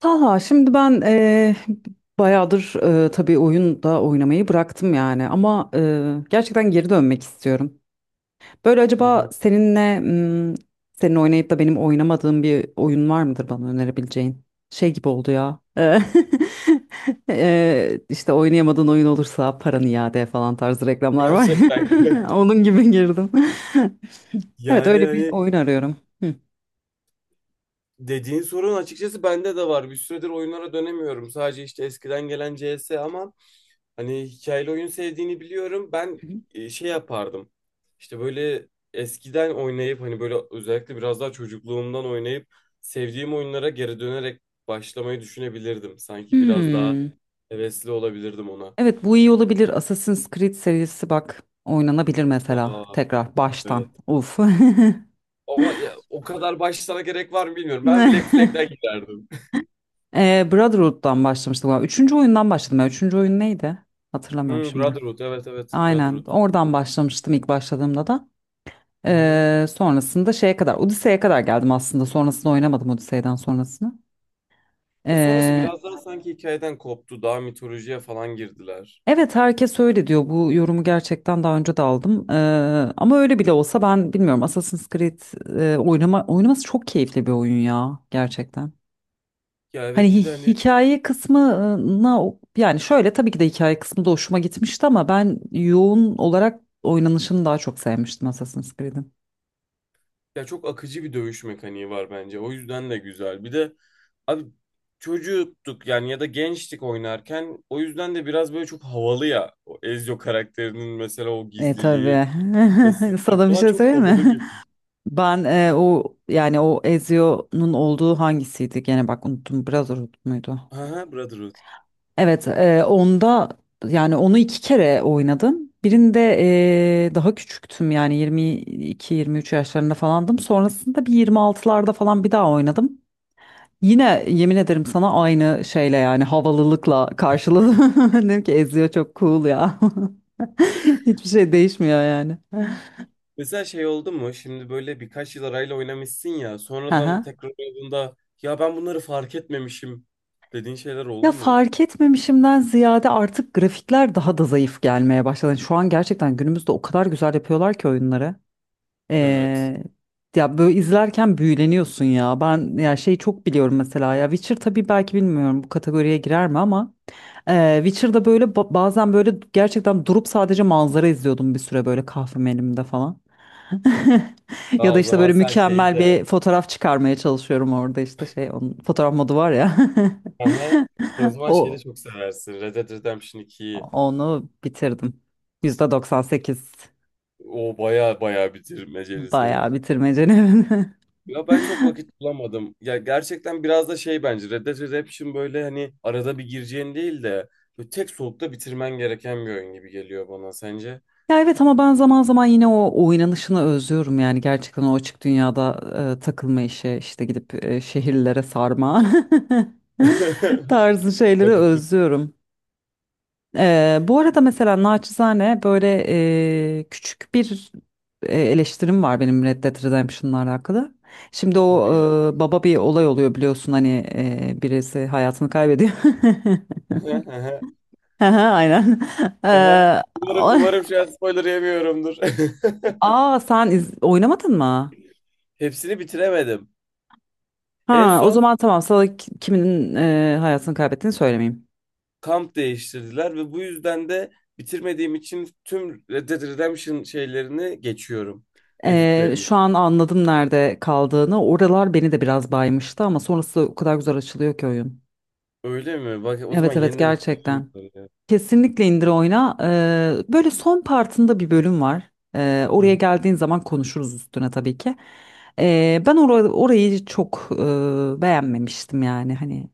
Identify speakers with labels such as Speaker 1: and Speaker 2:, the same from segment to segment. Speaker 1: Talha, şimdi ben bayağıdır, tabii oyun da oynamayı bıraktım yani ama gerçekten geri dönmek istiyorum. Böyle
Speaker 2: Hı
Speaker 1: acaba
Speaker 2: hı.
Speaker 1: seninle, senin oynayıp da benim oynamadığım bir oyun var mıdır bana önerebileceğin? Şey gibi oldu ya. İşte oynayamadığın oyun olursa paranı iade falan tarzı reklamlar var.
Speaker 2: Gerçekten.
Speaker 1: Onun gibi girdim. Evet,
Speaker 2: Yani
Speaker 1: öyle bir
Speaker 2: hani
Speaker 1: oyun arıyorum. Hı.
Speaker 2: dediğin sorun açıkçası bende de var. Bir süredir oyunlara dönemiyorum. Sadece işte eskiden gelen CS ama hani hikayeli oyun sevdiğini biliyorum. Ben şey yapardım. İşte böyle eskiden oynayıp hani böyle özellikle biraz daha çocukluğumdan oynayıp sevdiğim oyunlara geri dönerek başlamayı düşünebilirdim. Sanki biraz daha
Speaker 1: Hmm.
Speaker 2: hevesli olabilirdim ona.
Speaker 1: Evet, bu iyi olabilir. Assassin's Creed serisi bak, oynanabilir mesela
Speaker 2: Aa,
Speaker 1: tekrar baştan.
Speaker 2: evet.
Speaker 1: Uf.
Speaker 2: Ama ya, o kadar başlara gerek var mı bilmiyorum. Ben Black Flag'den giderdim.
Speaker 1: Brotherhood'dan başlamıştım galiba. Üçüncü oyundan başladım ya. Üçüncü oyun neydi? Hatırlamıyorum şimdi.
Speaker 2: Brotherhood, evet, evet,
Speaker 1: Aynen
Speaker 2: Brotherhood.
Speaker 1: oradan başlamıştım ilk başladığımda da.
Speaker 2: Hı hı.
Speaker 1: Sonrasında şeye kadar, Odise'ye kadar geldim aslında. Sonrasında oynamadım Odise'den sonrasını.
Speaker 2: Ya sonrası
Speaker 1: Ee,
Speaker 2: biraz daha sanki hikayeden koptu. Daha mitolojiye falan girdiler.
Speaker 1: Evet, herkes öyle diyor. Bu yorumu gerçekten daha önce de aldım. Ama öyle bile olsa ben bilmiyorum. Assassin's Creed, oynaması çok keyifli bir oyun ya gerçekten.
Speaker 2: Ya
Speaker 1: Hani
Speaker 2: evet bir de hani.
Speaker 1: hikaye kısmına, yani şöyle tabii ki de hikaye kısmı da hoşuma gitmişti ama ben yoğun olarak oynanışını daha çok sevmiştim Assassin's Creed'in.
Speaker 2: Ya çok akıcı bir dövüş mekaniği var bence. O yüzden de güzel. Bir de abi çocuktuk yani ya da gençtik oynarken. O yüzden de biraz böyle çok havalı ya. O Ezio karakterinin mesela o
Speaker 1: E
Speaker 2: gizliliği,
Speaker 1: tabii.
Speaker 2: sessizliği
Speaker 1: Sana bir
Speaker 2: falan
Speaker 1: şey
Speaker 2: çok
Speaker 1: söyleyeyim
Speaker 2: havalı
Speaker 1: mi?
Speaker 2: gibi.
Speaker 1: Ben, o yani o Ezio'nun olduğu hangisiydi? Gene bak, unuttum. Brotherhood muydu?
Speaker 2: Aha, Brotherhood.
Speaker 1: Evet, onda yani onu iki kere oynadım. Birinde daha küçüktüm, yani 22-23 yaşlarında falandım. Sonrasında bir 26'larda falan bir daha oynadım. Yine yemin ederim sana aynı şeyle, yani havalılıkla karşıladım. Dedim ki, eziyor çok cool ya. Hiçbir şey değişmiyor yani.
Speaker 2: Mesela şey oldu mu? Şimdi böyle birkaç yıl arayla oynamışsın ya.
Speaker 1: Hı
Speaker 2: Sonradan
Speaker 1: hı.
Speaker 2: tekrar oynadığında ya ben bunları fark etmemişim dediğin şeyler
Speaker 1: Ya,
Speaker 2: oldu mu?
Speaker 1: fark etmemişimden ziyade artık grafikler daha da zayıf gelmeye başladı. Yani şu an gerçekten günümüzde o kadar güzel yapıyorlar ki oyunları.
Speaker 2: Evet.
Speaker 1: Ee, ya böyle izlerken büyüleniyorsun ya. Ben ya şey çok biliyorum mesela, ya Witcher, tabii belki bilmiyorum bu kategoriye girer mi ama Witcher'da böyle bazen böyle gerçekten durup sadece manzara izliyordum bir süre, böyle kahvem elimde falan. Ya
Speaker 2: Aa,
Speaker 1: da
Speaker 2: o
Speaker 1: işte
Speaker 2: zaman
Speaker 1: böyle
Speaker 2: sen şeyi
Speaker 1: mükemmel
Speaker 2: de.
Speaker 1: bir fotoğraf çıkarmaya çalışıyorum orada, işte şey, onun fotoğraf modu var ya.
Speaker 2: Aha. Sen o zaman şeyi de
Speaker 1: O
Speaker 2: çok seversin. Red Dead Redemption 2'yi.
Speaker 1: Onu bitirdim. %98
Speaker 2: O baya baya bitirmeceli senin.
Speaker 1: bayağı bitirmecenin.
Speaker 2: Ya ben çok vakit bulamadım. Ya gerçekten biraz da şey bence Red Dead Redemption böyle hani arada bir gireceğin değil de böyle tek solukta bitirmen gereken bir oyun gibi geliyor bana sence.
Speaker 1: Ya evet, ama ben zaman zaman yine o oynanışını özlüyorum, yani gerçekten o açık dünyada takılma işi, işte gidip şehirlere sarma tarzı şeyleri
Speaker 2: Ne,
Speaker 1: özlüyorum. Bu arada mesela naçizane böyle küçük bir eleştirim var benim Red Dead Redemption'la alakalı. Şimdi o,
Speaker 2: tabii gel.
Speaker 1: baba bir olay oluyor biliyorsun, hani birisi hayatını kaybediyor. Aha, aynen. E,
Speaker 2: Umarım,
Speaker 1: o-
Speaker 2: umarım şu an spoiler yemiyorumdur.
Speaker 1: Aa, sen oynamadın mı?
Speaker 2: Hepsini bitiremedim. En
Speaker 1: Ha, o
Speaker 2: son
Speaker 1: zaman tamam, sana kiminin hayatını kaybettiğini söylemeyeyim.
Speaker 2: kamp değiştirdiler ve bu yüzden de bitirmediğim için tüm Red Dead Redemption şeylerini geçiyorum. Editlerini.
Speaker 1: Şu an anladım nerede kaldığını. Oralar beni de biraz baymıştı ama sonrası o kadar güzel açılıyor ki oyun.
Speaker 2: Öyle mi? Bak o zaman
Speaker 1: Evet, evet,
Speaker 2: yeniden izleyeyim
Speaker 1: gerçekten.
Speaker 2: bunları ya.
Speaker 1: Kesinlikle indir, oyna. Böyle son partında bir bölüm var.
Speaker 2: Hı
Speaker 1: Oraya
Speaker 2: hı.
Speaker 1: geldiğin zaman konuşuruz üstüne tabii ki. Ben orayı çok beğenmemiştim yani hani.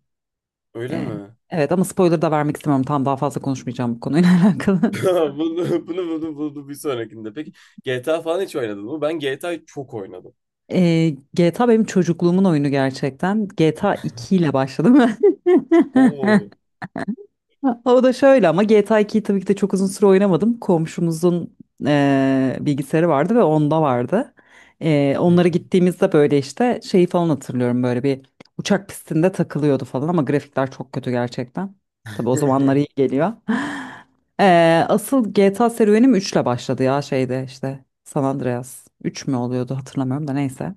Speaker 2: Öyle
Speaker 1: e,
Speaker 2: mi?
Speaker 1: evet, ama spoiler da vermek istemiyorum. Tam, daha fazla konuşmayacağım bu konuyla alakalı.
Speaker 2: Bunu, bunu bir sonrakinde. Peki GTA falan hiç oynadın mı? Ben GTA'yı çok oynadım.
Speaker 1: GTA benim çocukluğumun oyunu gerçekten. GTA 2 ile başladım ben.
Speaker 2: Oo.
Speaker 1: O da şöyle ama, GTA 2'yi tabii ki de çok uzun süre oynamadım. Komşumuzun bilgisayarı vardı ve onda vardı.
Speaker 2: Hı
Speaker 1: Onlara gittiğimizde böyle işte şeyi falan hatırlıyorum, böyle bir uçak pistinde takılıyordu falan, ama grafikler çok kötü gerçekten. Tabii o zamanlar iyi geliyor. Asıl GTA serüvenim 3 ile başladı ya, şeyde, işte San Andreas. Üç mü oluyordu, hatırlamıyorum da neyse.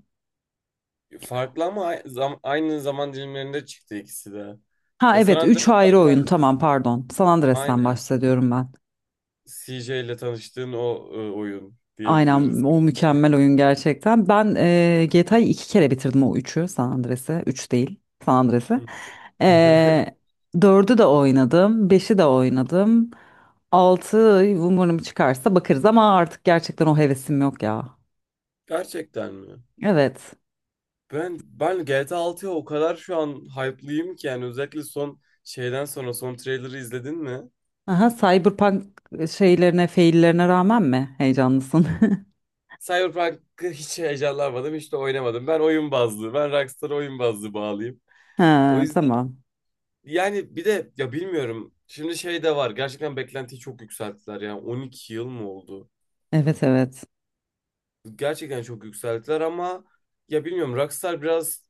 Speaker 2: hı. Farklı ama aynı zaman dilimlerinde çıktı ikisi de.
Speaker 1: Ha
Speaker 2: Ya San
Speaker 1: evet,
Speaker 2: Andreas
Speaker 1: 3 ayrı oyun,
Speaker 2: zaten
Speaker 1: tamam pardon. San Andreas'tan
Speaker 2: aynen
Speaker 1: bahsediyorum ben.
Speaker 2: CJ ile tanıştığın o oyun
Speaker 1: Aynen,
Speaker 2: diyebiliriz.
Speaker 1: o mükemmel oyun gerçekten. Ben, GTA'yı iki kere bitirdim, o üçü, San Andreas'ı. 3 değil, San Andreas'ı.
Speaker 2: Hı.
Speaker 1: E, 4'ü de oynadım. Beşi de oynadım. 6 umarım çıkarsa bakarız ama artık gerçekten o hevesim yok ya.
Speaker 2: Gerçekten mi?
Speaker 1: Evet.
Speaker 2: Ben GTA 6'ya o kadar şu an hype'lıyım ki yani özellikle son şeyden sonra son trailer'ı izledin mi?
Speaker 1: Aha, Cyberpunk şeylerine, faillerine rağmen mi heyecanlısın?
Speaker 2: Cyberpunk'ı hiç heyecanlanmadım, hiç de oynamadım. Ben oyun bazlı, ben Rockstar oyun bazlı bağlıyım. O
Speaker 1: Ha,
Speaker 2: yüzden
Speaker 1: tamam.
Speaker 2: yani bir de ya bilmiyorum. Şimdi şey de var. Gerçekten beklentiyi çok yükselttiler. Yani 12 yıl mı oldu?
Speaker 1: Evet, evet.
Speaker 2: Gerçekten çok yükselttiler ama ya bilmiyorum Rockstar biraz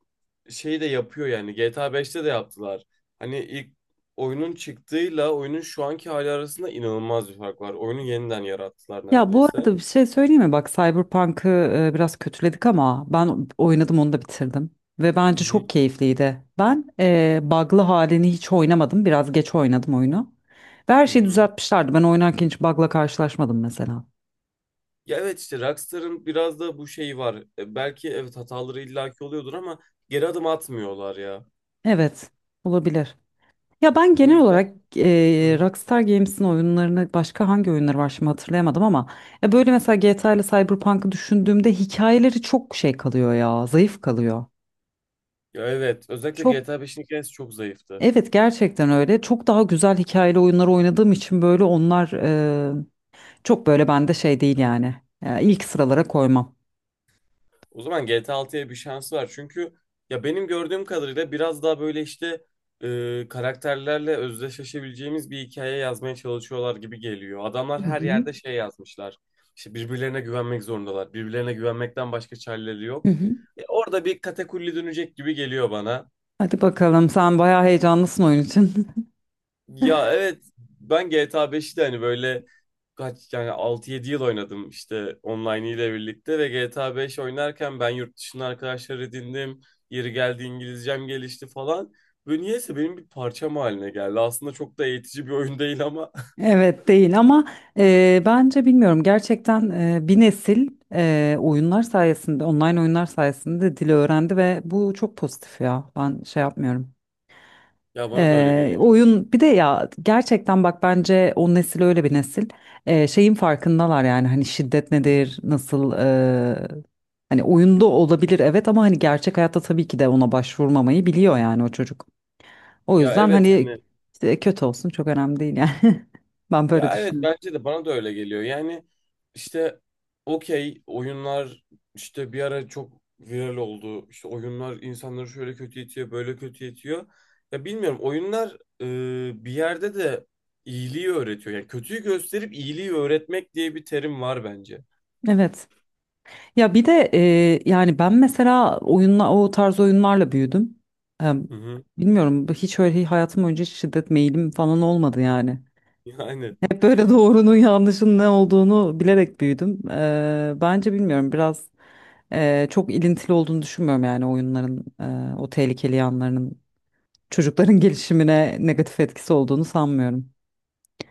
Speaker 2: şey de yapıyor yani. GTA 5'te de yaptılar. Hani ilk oyunun çıktığıyla oyunun şu anki hali arasında inanılmaz bir fark var. Oyunu yeniden yarattılar
Speaker 1: Ya, bu
Speaker 2: neredeyse.
Speaker 1: arada bir şey söyleyeyim mi? Bak, Cyberpunk'ı biraz kötüledik ama ben oynadım, onu da bitirdim. Ve
Speaker 2: Hı
Speaker 1: bence
Speaker 2: hı.
Speaker 1: çok keyifliydi. Ben bug'lı halini hiç oynamadım. Biraz geç oynadım oyunu. Ve her
Speaker 2: Hı
Speaker 1: şeyi
Speaker 2: hı.
Speaker 1: düzeltmişlerdi. Ben oynarken hiç bug'la karşılaşmadım mesela.
Speaker 2: Ya evet işte Rockstar'ın biraz da bu şeyi var. Belki evet hataları illaki oluyordur ama geri adım atmıyorlar ya.
Speaker 1: Evet, olabilir. Ya, ben
Speaker 2: O
Speaker 1: genel
Speaker 2: yüzden.
Speaker 1: olarak
Speaker 2: Hı hı.
Speaker 1: Rockstar Games'in oyunlarını, başka hangi oyunları var şimdi hatırlayamadım ama, böyle mesela GTA ile Cyberpunk'ı düşündüğümde hikayeleri çok şey kalıyor ya, zayıf kalıyor.
Speaker 2: Ya evet özellikle
Speaker 1: Çok
Speaker 2: GTA 5'in hikayesi çok zayıftı.
Speaker 1: Evet, gerçekten öyle. Çok daha güzel hikayeli oyunlar oynadığım için böyle onlar çok böyle bende şey değil yani. İlk sıralara koymam.
Speaker 2: O zaman GTA 6'ya bir şans var. Çünkü ya benim gördüğüm kadarıyla biraz daha böyle işte karakterlerle özdeşleşebileceğimiz bir hikaye yazmaya çalışıyorlar gibi geliyor. Adamlar
Speaker 1: Hı
Speaker 2: her
Speaker 1: hı.
Speaker 2: yerde şey yazmışlar. İşte birbirlerine güvenmek zorundalar. Birbirlerine güvenmekten başka çareleri
Speaker 1: Hı
Speaker 2: yok.
Speaker 1: hı.
Speaker 2: Orada bir katakulli dönecek gibi geliyor bana.
Speaker 1: Hadi bakalım, sen bayağı heyecanlısın oyun için.
Speaker 2: Ya evet ben GTA 5'i de hani böyle kaç yani 6-7 yıl oynadım işte online ile birlikte ve GTA 5 oynarken ben yurt dışında arkadaşlar edindim. Yeri geldi İngilizcem gelişti falan. Ve niyeyse benim bir parçam haline geldi. Aslında çok da eğitici bir oyun değil ama
Speaker 1: Evet değil ama bence bilmiyorum gerçekten, bir nesil oyunlar sayesinde, online oyunlar sayesinde dili öğrendi ve bu çok pozitif ya. Ben şey yapmıyorum.
Speaker 2: ya bana da öyle geliyor.
Speaker 1: Oyun bir de ya, gerçekten bak, bence o nesil öyle bir nesil, şeyin farkındalar, yani hani şiddet nedir nasıl, hani oyunda olabilir evet, ama hani gerçek hayatta tabii ki de ona başvurmamayı biliyor yani o çocuk. O
Speaker 2: Ya
Speaker 1: yüzden
Speaker 2: evet
Speaker 1: hani
Speaker 2: hani.
Speaker 1: işte, kötü olsun çok önemli değil yani, ben böyle
Speaker 2: Ya evet
Speaker 1: düşünüyorum.
Speaker 2: bence de bana da öyle geliyor. Yani işte okey oyunlar işte bir ara çok viral oldu. İşte oyunlar insanları şöyle kötü itiyor, böyle kötü itiyor. Ya bilmiyorum oyunlar bir yerde de iyiliği öğretiyor. Yani kötüyü gösterip iyiliği öğretmek diye bir terim var bence.
Speaker 1: Evet, ya bir de yani ben mesela o tarz oyunlarla büyüdüm. Ee,
Speaker 2: Hı hı.
Speaker 1: bilmiyorum, hiç öyle hayatım önce şiddet meyilim falan olmadı yani.
Speaker 2: Yani
Speaker 1: Hep böyle doğrunun yanlışın ne olduğunu bilerek büyüdüm. Bence bilmiyorum biraz, çok ilintili olduğunu düşünmüyorum yani oyunların, o tehlikeli yanlarının çocukların gelişimine negatif etkisi olduğunu sanmıyorum.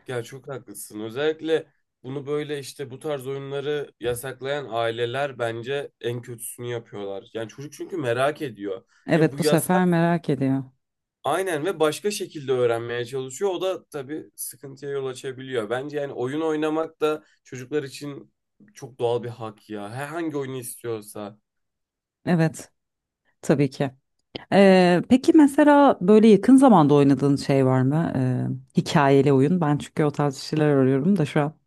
Speaker 2: ya çok haklısın. Özellikle bunu böyle işte bu tarz oyunları yasaklayan aileler bence en kötüsünü yapıyorlar. Yani çocuk çünkü merak ediyor. Ya
Speaker 1: Evet,
Speaker 2: bu
Speaker 1: bu
Speaker 2: yaz.
Speaker 1: sefer merak ediyor.
Speaker 2: Aynen ve başka şekilde öğrenmeye çalışıyor. O da tabii sıkıntıya yol açabiliyor. Bence yani oyun oynamak da çocuklar için çok doğal bir hak ya. Herhangi oyunu istiyorsa.
Speaker 1: Evet, tabii ki. Peki mesela böyle yakın zamanda oynadığın şey var mı? Hikayeli oyun. Ben çünkü o tarz şeyler arıyorum da şu an.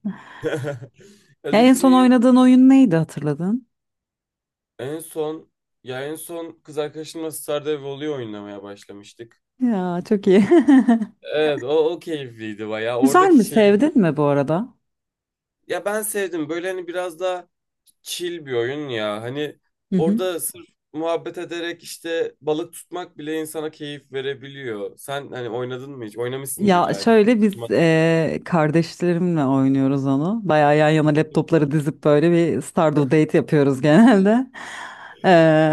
Speaker 2: Ya
Speaker 1: Ya, en son
Speaker 2: düşüneyim.
Speaker 1: oynadığın oyun neydi, hatırladın?
Speaker 2: En son en son kız arkadaşımla Stardew Valley oynamaya başlamıştık.
Speaker 1: Ya, çok iyi.
Speaker 2: Evet o keyifliydi bayağı.
Speaker 1: Güzel
Speaker 2: Oradaki
Speaker 1: mi?
Speaker 2: şeyi
Speaker 1: Sevdin mi bu arada?
Speaker 2: ya ben sevdim. Böyle hani biraz daha chill bir oyun ya. Hani
Speaker 1: Hı hı.
Speaker 2: orada sırf muhabbet ederek işte balık tutmak bile insana keyif verebiliyor. Sen hani oynadın mı hiç? Oynamışsındır
Speaker 1: Ya
Speaker 2: illa ki.
Speaker 1: şöyle, biz
Speaker 2: Çıkmaz.
Speaker 1: kardeşlerimle oynuyoruz onu. Bayağı yan yana laptopları dizip böyle bir Stardew Date yapıyoruz genelde. Eee,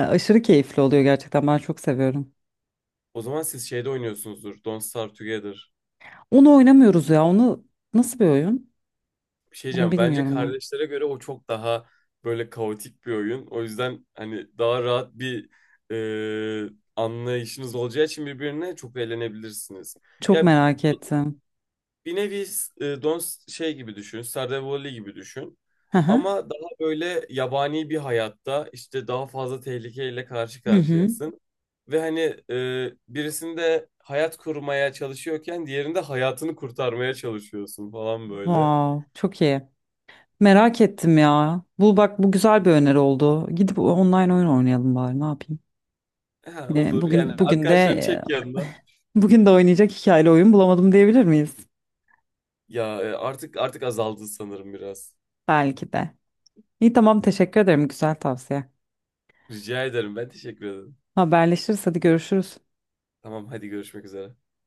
Speaker 1: aşırı keyifli oluyor gerçekten, ben çok seviyorum.
Speaker 2: O zaman siz şeyde oynuyorsunuzdur. Don't Starve Together.
Speaker 1: Onu oynamıyoruz ya, onu nasıl bir oyun?
Speaker 2: Bir şey
Speaker 1: Onu
Speaker 2: diyeceğim. Bence
Speaker 1: bilmiyorum ben.
Speaker 2: kardeşlere göre o çok daha böyle kaotik bir oyun. O yüzden hani daha rahat bir e, anlayışınız olacağı için birbirine çok eğlenebilirsiniz.
Speaker 1: Çok
Speaker 2: Ya
Speaker 1: merak ettim.
Speaker 2: bir nevi e, Don şey gibi düşün, Stardew Valley gibi düşün.
Speaker 1: Hı hı.
Speaker 2: Ama daha böyle yabani bir hayatta işte daha fazla tehlikeyle karşı
Speaker 1: Hı hı.
Speaker 2: karşıyasın. Ve hani birisinde hayat kurmaya çalışıyorken diğerinde hayatını kurtarmaya çalışıyorsun falan böyle.
Speaker 1: Wow, çok iyi. Merak ettim ya. Bu bak, bu güzel bir öneri oldu. Gidip online oyun oynayalım bari, ne yapayım.
Speaker 2: Ha,
Speaker 1: Yine
Speaker 2: olur yani
Speaker 1: bugün bugün
Speaker 2: arkadaşlarını
Speaker 1: de
Speaker 2: çek yanına.
Speaker 1: Bugün de oynayacak hikayeli oyun bulamadım, diyebilir miyiz?
Speaker 2: Ya artık azaldı sanırım biraz.
Speaker 1: Belki de. İyi, tamam, teşekkür ederim, güzel tavsiye.
Speaker 2: Rica ederim ben teşekkür ederim.
Speaker 1: Haberleşiriz, hadi görüşürüz.
Speaker 2: Tamam hadi görüşmek üzere.